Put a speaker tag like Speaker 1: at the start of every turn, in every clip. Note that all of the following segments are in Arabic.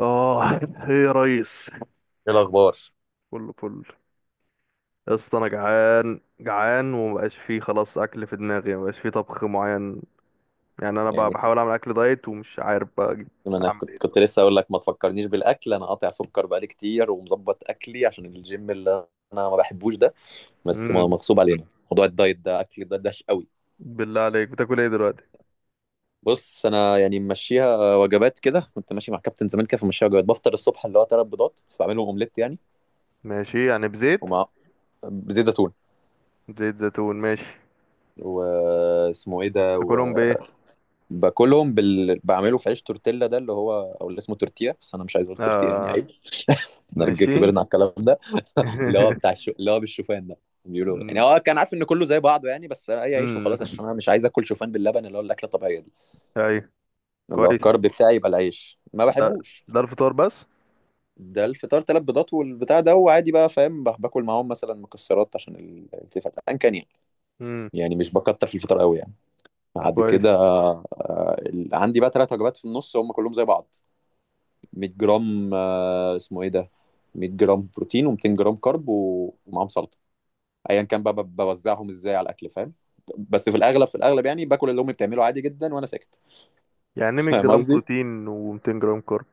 Speaker 1: اه، ايه يا ريس؟
Speaker 2: ايه الاخبار؟
Speaker 1: فل فل. يا اسطى انا جعان جعان، ومبقاش فيه خلاص اكل في دماغي، مبقاش فيه طبخ معين يعني. انا بقى
Speaker 2: يعني
Speaker 1: بحاول اعمل اكل دايت ومش عارف بقى اجي
Speaker 2: ما انا
Speaker 1: اعمل ايه
Speaker 2: كنت
Speaker 1: دلوقتي.
Speaker 2: لسه اقول لك، ما تفكرنيش بالاكل، انا قاطع سكر بقالي كتير ومظبط اكلي عشان الجيم اللي انا ما بحبوش ده، بس
Speaker 1: امم
Speaker 2: مغصوب علينا. موضوع الدايت ده، اكل ده دهش قوي.
Speaker 1: بالله عليك بتاكل ايه دلوقتي؟
Speaker 2: بص، انا يعني ممشيها وجبات كده، كنت ماشي مع كابتن زمان كده فمشيها وجبات. بفطر الصبح اللي هو ثلاث بيضات بس، بعملهم اومليت يعني،
Speaker 1: ماشي يعني بزيت.
Speaker 2: ومع بزيت زيتون.
Speaker 1: زيت زيتون ماشي.
Speaker 2: واسمه ايه ده؟
Speaker 1: تاكلهم بايه؟
Speaker 2: وباكلهم بعمله في عيش تورتيلا ده، اللي هو او اللي اسمه تورتيا، بس انا مش عايز اقول تورتيا يعني عيب.
Speaker 1: اه
Speaker 2: احنا رجاله
Speaker 1: ماشي.
Speaker 2: كبرنا على الكلام ده، اللي هو بتاع اللي هو بالشوفان ده، بيقولوا يعني
Speaker 1: امم
Speaker 2: هو كان عارف ان كله زي بعضه يعني، بس اي عيش
Speaker 1: أمم.
Speaker 2: وخلاص، عشان انا مش عايز اكل شوفان باللبن اللي هو الاكله الطبيعيه دي.
Speaker 1: ايوه،
Speaker 2: اللي هو
Speaker 1: كويس.
Speaker 2: الكرب بتاعي يبقى العيش، ما
Speaker 1: ده
Speaker 2: بحبوش.
Speaker 1: ده الفطار بس؟
Speaker 2: ده الفطار، ثلاث بيضات والبتاع ده، وعادي بقى فاهم، باكل معاهم مثلا مكسرات عشان الالتفات ان كان يعني.
Speaker 1: امم
Speaker 2: يعني مش بكتر في الفطار قوي يعني. بعد كده
Speaker 1: كويس.
Speaker 2: عندي بقى ثلاث وجبات في النص، هم كلهم زي بعض: 100 جرام، اسمه ايه ده، 100 جرام بروتين و200 جرام كارب ومعاهم سلطه، ايا كان بقى بوزعهم ازاي على الاكل فاهم. بس في الاغلب يعني باكل اللي امي بتعمله عادي جدا وانا ساكت.
Speaker 1: يعني 100
Speaker 2: فاهم
Speaker 1: جرام
Speaker 2: قصدي،
Speaker 1: بروتين و200 جرام كارب؟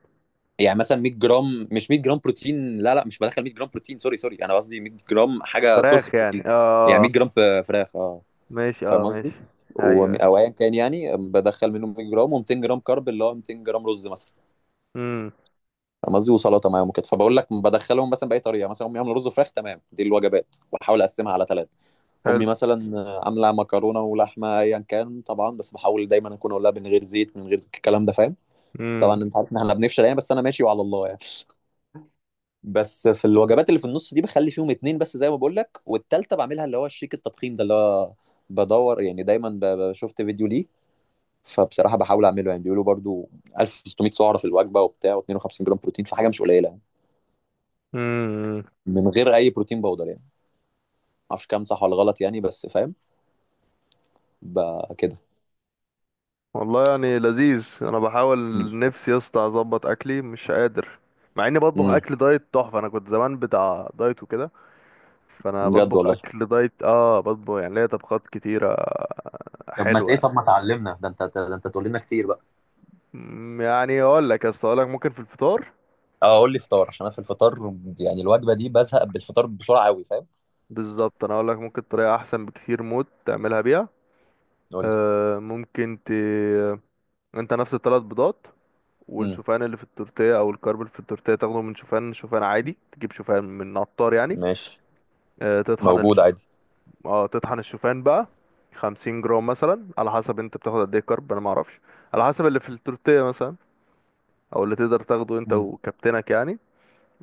Speaker 2: يعني مثلا 100 جرام، مش 100 جرام بروتين، لا لا، مش بدخل 100 جرام بروتين، سوري سوري، انا قصدي 100 جرام حاجه سورس
Speaker 1: فراخ يعني،
Speaker 2: بروتين. يعني 100 جرام فراخ، اه
Speaker 1: ماشي، اه
Speaker 2: فاهم قصدي.
Speaker 1: ماشي. ايوه ايوه.
Speaker 2: او ايا كان يعني، بدخل منهم 100 جرام و200 جرام كارب، اللي هو 200 جرام رز مثلا.
Speaker 1: امم
Speaker 2: فاهم قصدي، وسلطه معاهم وكده، فبقول لك بدخلهم مثلا باي طريقه. مثلا امي عامله رز وفراخ، تمام، دي الوجبات واحاول اقسمها على ثلاث.
Speaker 1: حلو.
Speaker 2: امي مثلا عامله مكرونه ولحمه ايا كان طبعا، بس بحاول دايما اكون اقول لها من غير زيت، من غير الكلام ده فاهم.
Speaker 1: امم
Speaker 2: طبعا انت عارف ان احنا بنفشل يعني، بس انا ماشي وعلى الله يعني. بس في الوجبات اللي في النص دي بخلي فيهم اتنين بس زي ما بقول لك، والتالتة بعملها اللي هو الشيك التضخيم ده، اللي هو بدور يعني دايما، شفت فيديو ليه فبصراحة بحاول اعمله يعني. بيقولوا برضو 1600 سعرة في الوجبة وبتاع، و52 جرام بروتين، فحاجة مش قليلة
Speaker 1: امم
Speaker 2: من غير اي بروتين باودر يعني. معرفش كام صح ولا غلط يعني، بس فاهم بقى كده.
Speaker 1: والله يعني لذيذ، انا بحاول.
Speaker 2: امم.
Speaker 1: نفسي يا اسطى اظبط اكلي، مش قادر مع اني بطبخ
Speaker 2: أمم.
Speaker 1: اكل دايت تحفه. انا كنت زمان بتاع دايت وكده، فانا
Speaker 2: بجد
Speaker 1: بطبخ
Speaker 2: والله!
Speaker 1: اكل دايت، اه بطبخ يعني، ليا طبخات كتيره
Speaker 2: طب ما ت-
Speaker 1: حلوه
Speaker 2: ايه،
Speaker 1: يعني.
Speaker 2: طب ما تعلمنا ده انت تقول لنا كتير بقى.
Speaker 1: يعني اقول لك يا اسطى، اقول لك ممكن في الفطار
Speaker 2: اه، قول لي فطار، عشان انا في الفطار يعني الوجبه دي بزهق بالفطار بسرعه قوي فاهم.
Speaker 1: بالظبط، انا اقول لك ممكن طريقه احسن بكتير موت تعملها بيها.
Speaker 2: قول لي.
Speaker 1: آه ممكن ت انت نفس الثلاث بيضات
Speaker 2: امم.
Speaker 1: والشوفان اللي في التورتيه، او الكرب اللي في التورتيه تاخده من شوفان عادي، تجيب شوفان من عطار يعني.
Speaker 2: ماشي.
Speaker 1: تطحن
Speaker 2: موجود
Speaker 1: الشوفان،
Speaker 2: عادي.
Speaker 1: اه تطحن الشوفان بقى. 50 جرام مثلا، على حسب انت بتاخد قد ايه كرب، انا ما اعرفش، على حسب اللي في التورتيه مثلا، او اللي تقدر تاخده انت
Speaker 2: امم.
Speaker 1: وكابتنك يعني.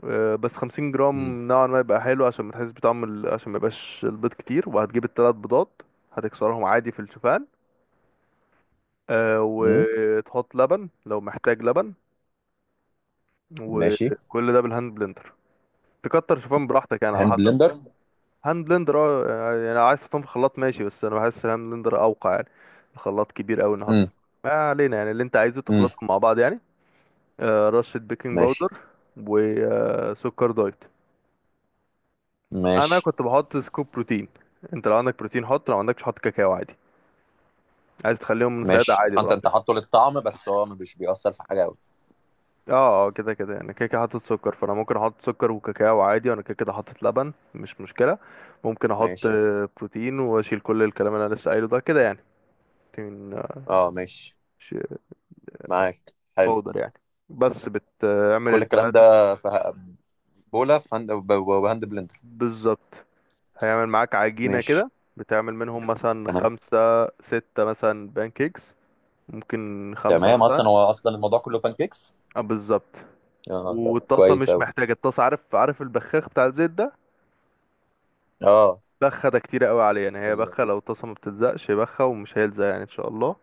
Speaker 1: بس 50
Speaker 2: امم.
Speaker 1: جرام نوعا ما يبقى حلو، عشان ما تحس بطعم عشان ما يبقاش البيض كتير. وهتجيب الثلاث بيضات، هتكسرهم عادي في الشوفان.
Speaker 2: امم.
Speaker 1: وتحط لبن لو محتاج لبن،
Speaker 2: ماشي.
Speaker 1: وكل ده بالهاند بلندر. تكتر شوفان براحتك يعني على
Speaker 2: هاند
Speaker 1: حسب.
Speaker 2: بلندر.
Speaker 1: هاند بلندر، اه، يعني عايز شوفان في خلاط ماشي، بس انا بحس الهاند بلندر اوقع يعني. الخلاط كبير قوي نحط فيه.
Speaker 2: امم.
Speaker 1: ما علينا يعني، اللي انت عايزه
Speaker 2: امم.
Speaker 1: تخلطهم مع بعض يعني. رشة بيكنج
Speaker 2: ماشي.
Speaker 1: باودر وسكر دايت. انا
Speaker 2: ماشي.
Speaker 1: كنت بحط سكوب بروتين، انت لو عندك بروتين حط، لو عندكش حط كاكاو عادي. عايز تخليهم سادة
Speaker 2: ماشي.
Speaker 1: عادي
Speaker 2: انت
Speaker 1: براحتك.
Speaker 2: حاطه للطعم، بس هو مش بيأثر في حاجه قوي.
Speaker 1: اه كده كده يعني، كده كده حاطط سكر، فانا ممكن احط سكر وكاكاو عادي، وانا كده كده حاطط لبن مش مشكلة. ممكن احط
Speaker 2: ماشي.
Speaker 1: بروتين واشيل كل الكلام اللي انا لسه قايله ده كده يعني. من
Speaker 2: اه، ماشي.
Speaker 1: ش-
Speaker 2: معاك، حلو.
Speaker 1: باودر يعني، بس بتعمل
Speaker 2: كل الكلام ده،
Speaker 1: التلاتة
Speaker 2: بولا في هاند بهاند بلندر.
Speaker 1: بالظبط، هيعمل معاك عجينة
Speaker 2: ماشي.
Speaker 1: كده. بتعمل منهم مثلا
Speaker 2: تمام.
Speaker 1: خمسة ستة مثلا بانكيكس، ممكن خمسة
Speaker 2: تمام،
Speaker 1: مثلا.
Speaker 2: اصلا هو اصلا الموضوع كله بانكيكس.
Speaker 1: اه بالظبط.
Speaker 2: اه طب،
Speaker 1: والطاسة
Speaker 2: كويس
Speaker 1: مش
Speaker 2: اوي.
Speaker 1: محتاجة، الطاسة عارف، عارف البخاخ بتاع الزيت ده؟
Speaker 2: اه.
Speaker 1: بخة، ده كتير قوي عليه يعني، هي
Speaker 2: ال...
Speaker 1: بخة لو الطاسة ما بتلزقش، بخة ومش هيلزق يعني ان شاء الله.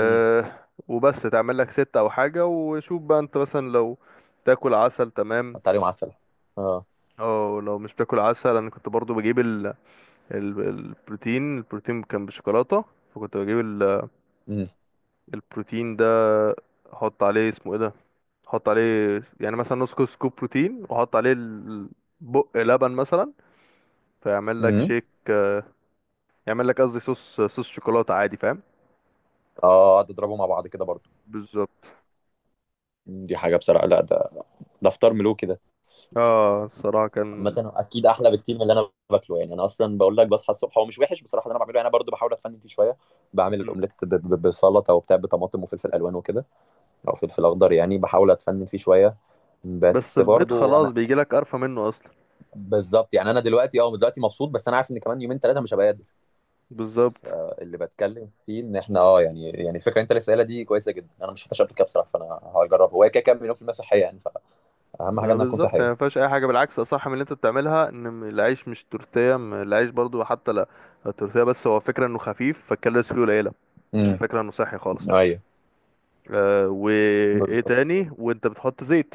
Speaker 2: امم.
Speaker 1: وبس تعمل لك ستة او حاجة، وشوف بقى انت، مثلا لو تاكل عسل تمام.
Speaker 2: حط عليهم عسل. اه.
Speaker 1: اه لو مش باكل عسل، انا كنت برضو بجيب البروتين، البروتين كان بالشوكولاته، فكنت بجيب
Speaker 2: امم.
Speaker 1: البروتين ده، احط عليه، اسمه ايه ده، احط عليه يعني مثلا نص كوب سكوب بروتين، واحط عليه بق لبن مثلا، فيعمل لك
Speaker 2: امم.
Speaker 1: شيك، يعمل لك قصدي صوص شوكولاته عادي، فاهم؟
Speaker 2: اه، قعد اضربوا مع بعض كده برضو.
Speaker 1: بالظبط.
Speaker 2: مم. دي حاجه بصراحه، لا ده، ده فطار ملوكي ده.
Speaker 1: اه الصراحه كان.
Speaker 2: عامة، اكيد احلى بكتير من اللي انا باكله يعني. انا اصلا بقول لك، بصحى الصبح هو مش وحش بصراحه اللي انا بعمله يعني. انا برضو بحاول اتفنن فيه شويه، بعمل
Speaker 1: مم.
Speaker 2: الاومليت بسلطه وبتاع، بطماطم وفلفل الوان وكده، او فلفل اخضر يعني. بحاول اتفنن فيه شويه،
Speaker 1: بس
Speaker 2: بس
Speaker 1: البيض
Speaker 2: برضو
Speaker 1: خلاص
Speaker 2: انا،
Speaker 1: بيجي لك قرفه منه اصلا،
Speaker 2: بالظبط يعني. انا دلوقتي، دلوقتي مبسوط، بس انا عارف ان كمان يومين ثلاثه مش هبقى قادر.
Speaker 1: بالظبط.
Speaker 2: اللي بتكلم فيه، ان احنا يعني الفكره اللي انت لسه قايلها دي كويسه جدا. انا ما شفتهاش قبل كده بصراحه، فانا هجربها. هو كده كده 1000000% صحيه يعني، فاهم حاجه
Speaker 1: لا
Speaker 2: انها تكون
Speaker 1: بالظبط، يعني
Speaker 2: صحيه.
Speaker 1: ما فيهاش اي حاجه، بالعكس اصح من اللي انت بتعملها. ان العيش مش تورتيه، العيش برضو حتى، لا التورتيه، بس هو فكره انه خفيف، فالكالوريز فيه قليله، مش
Speaker 2: امم.
Speaker 1: الفكره انه صحي خالص.
Speaker 2: ايوه.
Speaker 1: آه، وايه
Speaker 2: بالظبط.
Speaker 1: تاني، وانت بتحط زيت،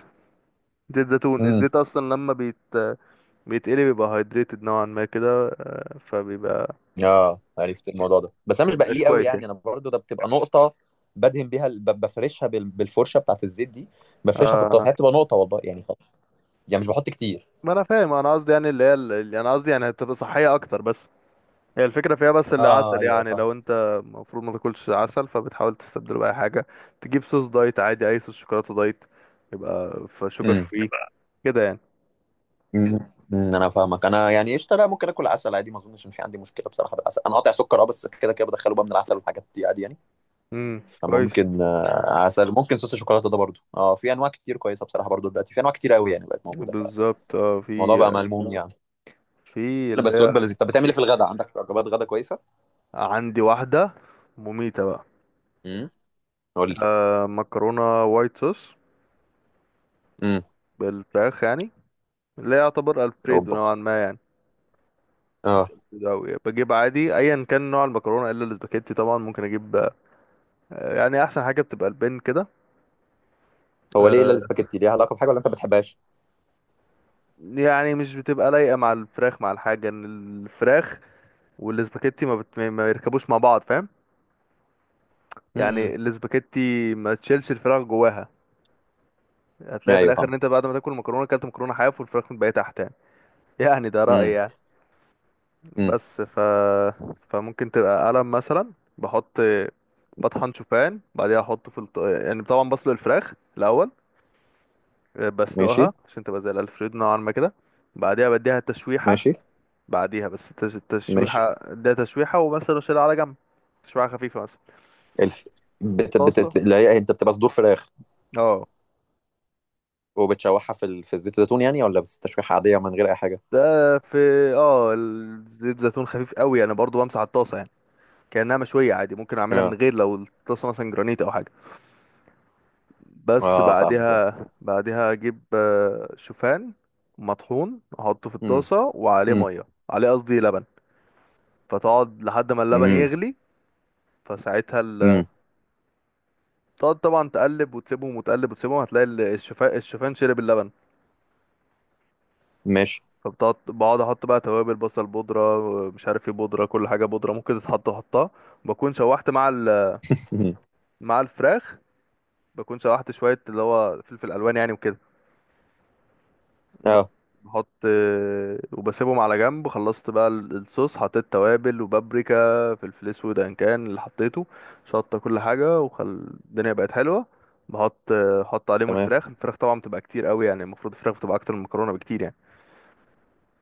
Speaker 1: زيت زيتون.
Speaker 2: امم.
Speaker 1: الزيت اصلا لما بيتقلي بيبقى هايدريتد نوعا ما كده، آه فبيبقى
Speaker 2: اه، عرفت الموضوع ده، بس انا
Speaker 1: ما
Speaker 2: مش
Speaker 1: بيبقاش
Speaker 2: بقليه قوي
Speaker 1: كويس يعني.
Speaker 2: يعني. انا برضو ده بتبقى نقطه، بدهن بيها بفرشها بالفرشه بتاعت الزيت دي، بفرشها في
Speaker 1: آه
Speaker 2: الطاسه. هي بتبقى نقطه والله يعني يعني مش بحط كتير.
Speaker 1: ما انا فاهم، انا قصدي يعني، اللي هي اللي انا قصدي يعني هتبقى صحيه اكتر بس، هي الفكرة فيها بس
Speaker 2: اه،
Speaker 1: العسل
Speaker 2: ايوه،
Speaker 1: يعني.
Speaker 2: ايوه.
Speaker 1: لو انت المفروض ما تاكلش عسل، فبتحاول تستبدله بأي حاجة، تجيب صوص دايت عادي، أي صوص شوكولاتة دايت، يبقى فشوجر
Speaker 2: فاهم.
Speaker 1: فري كده يعني.
Speaker 2: مم. انا فاهمك. انا يعني قشطه، لا ممكن اكل عسل عادي، ما اظنش ان في عندي مشكله بصراحه بالعسل. انا قاطع سكر اه، بس كده كده بدخله بقى من العسل والحاجات دي عادي يعني.
Speaker 1: كويس.
Speaker 2: فممكن عسل، ممكن صوص الشوكولاته ده برضو اه، في انواع كتير كويسه بصراحه، برضو دلوقتي في انواع كتير قوي يعني، بقت موجوده. فالموضوع
Speaker 1: بالظبط. اه في،
Speaker 2: بقى ملموم يعني. لا،
Speaker 1: اللي
Speaker 2: بس وجبه
Speaker 1: هي،
Speaker 2: لذيذه. طب بتعمل ايه في الغداء؟ عندك وجبات غدا كويسه؟
Speaker 1: عندي واحدة مميتة بقى.
Speaker 2: امم. قول لي.
Speaker 1: مكرونة وايت صوص
Speaker 2: امم.
Speaker 1: بالفراخ يعني، اللي هي يعتبر ألفريدو
Speaker 2: اوبا!
Speaker 1: نوعا ما يعني، بس مش
Speaker 2: اه.
Speaker 1: ألفريدو أوي. بجيب عادي أيا كان نوع المكرونة إلا الاسباجيتي، طبعا ممكن أجيب. يعني أحسن حاجة بتبقى البن كده.
Speaker 2: هو ليه الا
Speaker 1: آه،
Speaker 2: الاسباجيتي؟ ليها علاقه بحاجه، ولا انت ما بتحبهاش؟
Speaker 1: يعني مش بتبقى لايقة مع الفراخ، مع الحاجة ان الفراخ والاسباجيتي ما يركبوش مع بعض فاهم،
Speaker 2: امم.
Speaker 1: يعني الاسباجيتي ما تشيلش الفراخ جواها، هتلاقي في
Speaker 2: ايوه
Speaker 1: الاخر
Speaker 2: فاهم.
Speaker 1: ان انت بعد ما تاكل المكرونة اكلت مكرونة حاف، والفراخ متبقية تحت يعني. يعني ده رأيي
Speaker 2: امم.
Speaker 1: يعني،
Speaker 2: امم.
Speaker 1: بس ف، فممكن تبقى قلم مثلا. بحط، بطحن شوفان، بعدها احطه في يعني طبعا بسلق الفراخ الاول،
Speaker 2: ماشي.
Speaker 1: بسلقها عشان تبقى زي الالفريدو نوعا ما كده. بعدها بديها تشويحة،
Speaker 2: ماشي.
Speaker 1: بعديها، بس
Speaker 2: ماشي.
Speaker 1: التشويحة ده تشويحة، ومثلا شيلها على جنب، تشويحة خفيفة مثلا.
Speaker 2: الف،
Speaker 1: طاسة،
Speaker 2: لا، إيه، انت بتبقى صدور فراخ
Speaker 1: اه
Speaker 2: وبتشوحها في في زيت الزيتون يعني، ولا بس تشويحة عادية من غير أي حاجة؟
Speaker 1: ده في، اه زيت زيتون خفيف قوي، انا برضو بمسح الطاسة يعني كأنها مشوية عادي، ممكن اعملها من
Speaker 2: اه،
Speaker 1: غير لو الطاسة مثلا جرانيت او حاجة. بس
Speaker 2: اه فاهمك بقى.
Speaker 1: بعدها، اجيب شوفان مطحون، احطه في
Speaker 2: امم.
Speaker 1: الطاسة، وعليه
Speaker 2: امم.
Speaker 1: مية، عليه قصدي لبن. فتقعد لحد ما اللبن
Speaker 2: امم.
Speaker 1: يغلي، فساعتها
Speaker 2: امم.
Speaker 1: تقعد طبعا تقلب وتسيبهم، وتقلب وتسيبهم، هتلاقي الشوفان، الشوفان شرب اللبن.
Speaker 2: ماشي.
Speaker 1: بقعد احط بقى توابل، بصل بودره، مش عارف ايه بودره، كل حاجه بودره ممكن تتحط احطها. بكون شوحت مع
Speaker 2: مم.
Speaker 1: مع الفراخ، بكون شوحت شويه اللي هو فلفل الوان يعني وكده بس.
Speaker 2: اه
Speaker 1: بحط وبسيبهم على جنب. خلصت بقى الصوص، حطيت توابل وبابريكا، فلفل اسود ان كان، اللي حطيته شطه، كل حاجه، وخل الدنيا بقت حلوه. احط عليهم
Speaker 2: تمام.
Speaker 1: الفراخ. الفراخ طبعا بتبقى كتير قوي يعني، المفروض الفراخ بتبقى اكتر من المكرونه بكتير يعني.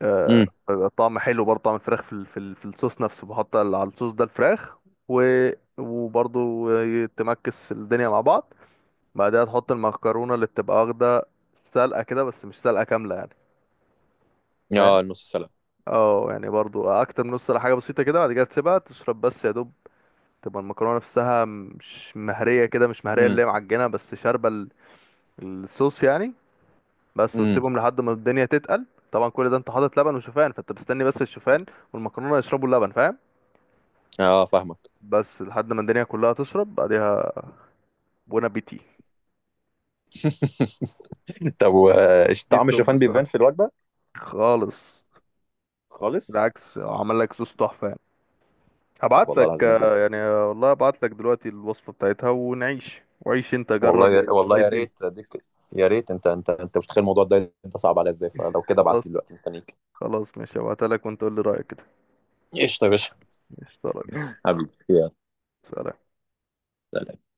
Speaker 1: آه،
Speaker 2: امم.
Speaker 1: بيبقى طعم حلو برضه، طعم الفراخ في في الصوص نفسه، بحط على الصوص ده الفراخ، و وبرضه تمكس الدنيا مع بعض. بعدها تحط المكرونة اللي بتبقى واخدة سلقة كده، بس مش سلقة كاملة يعني، فاهم؟
Speaker 2: اه، نص سلقة.
Speaker 1: اه يعني برضه أكتر من نص، ولا حاجة بسيطة كده. بعد كده تسيبها تشرب بس يا دوب، تبقى المكرونة نفسها مش مهرية كده، مش مهرية
Speaker 2: امم.
Speaker 1: اللي هي معجنة، بس شاربة الصوص يعني بس،
Speaker 2: امم.
Speaker 1: وتسيبهم لحد ما الدنيا تتقل. طبعا كل ده انت حاطط لبن وشوفان، فانت مستني بس الشوفان والمكرونة يشربوا اللبن فاهم،
Speaker 2: اه فاهمك.
Speaker 1: بس لحد ما الدنيا كلها تشرب. بعدها بونا بيتي.
Speaker 2: طب
Speaker 1: دي
Speaker 2: طعم
Speaker 1: التوب
Speaker 2: الشوفان بيبان
Speaker 1: الصراحة
Speaker 2: في الوجبة؟
Speaker 1: خالص،
Speaker 2: خالص؟
Speaker 1: بالعكس عمل لك صوص تحفة يعني.
Speaker 2: طب
Speaker 1: هبعت
Speaker 2: والله
Speaker 1: لك،
Speaker 2: العظيم دي،
Speaker 1: والله هبعت لك دلوقتي الوصفة بتاعتها، ونعيش وعيش، انت جرب وقول
Speaker 2: والله
Speaker 1: لي
Speaker 2: يا
Speaker 1: الدنيا.
Speaker 2: ريت اديك. يا ريت انت انت مش متخيل الموضوع ده انت صعب عليا ازاي. فلو كده ابعت لي
Speaker 1: خلاص،
Speaker 2: دلوقتي، مستنيك.
Speaker 1: خلاص ماشي، هبعتها لك، وانت قول لي رأيك كده.
Speaker 2: قشطة يا باشا.
Speaker 1: ماشي يا ريس،
Speaker 2: حبيبي يلا.
Speaker 1: سلام.
Speaker 2: سلام.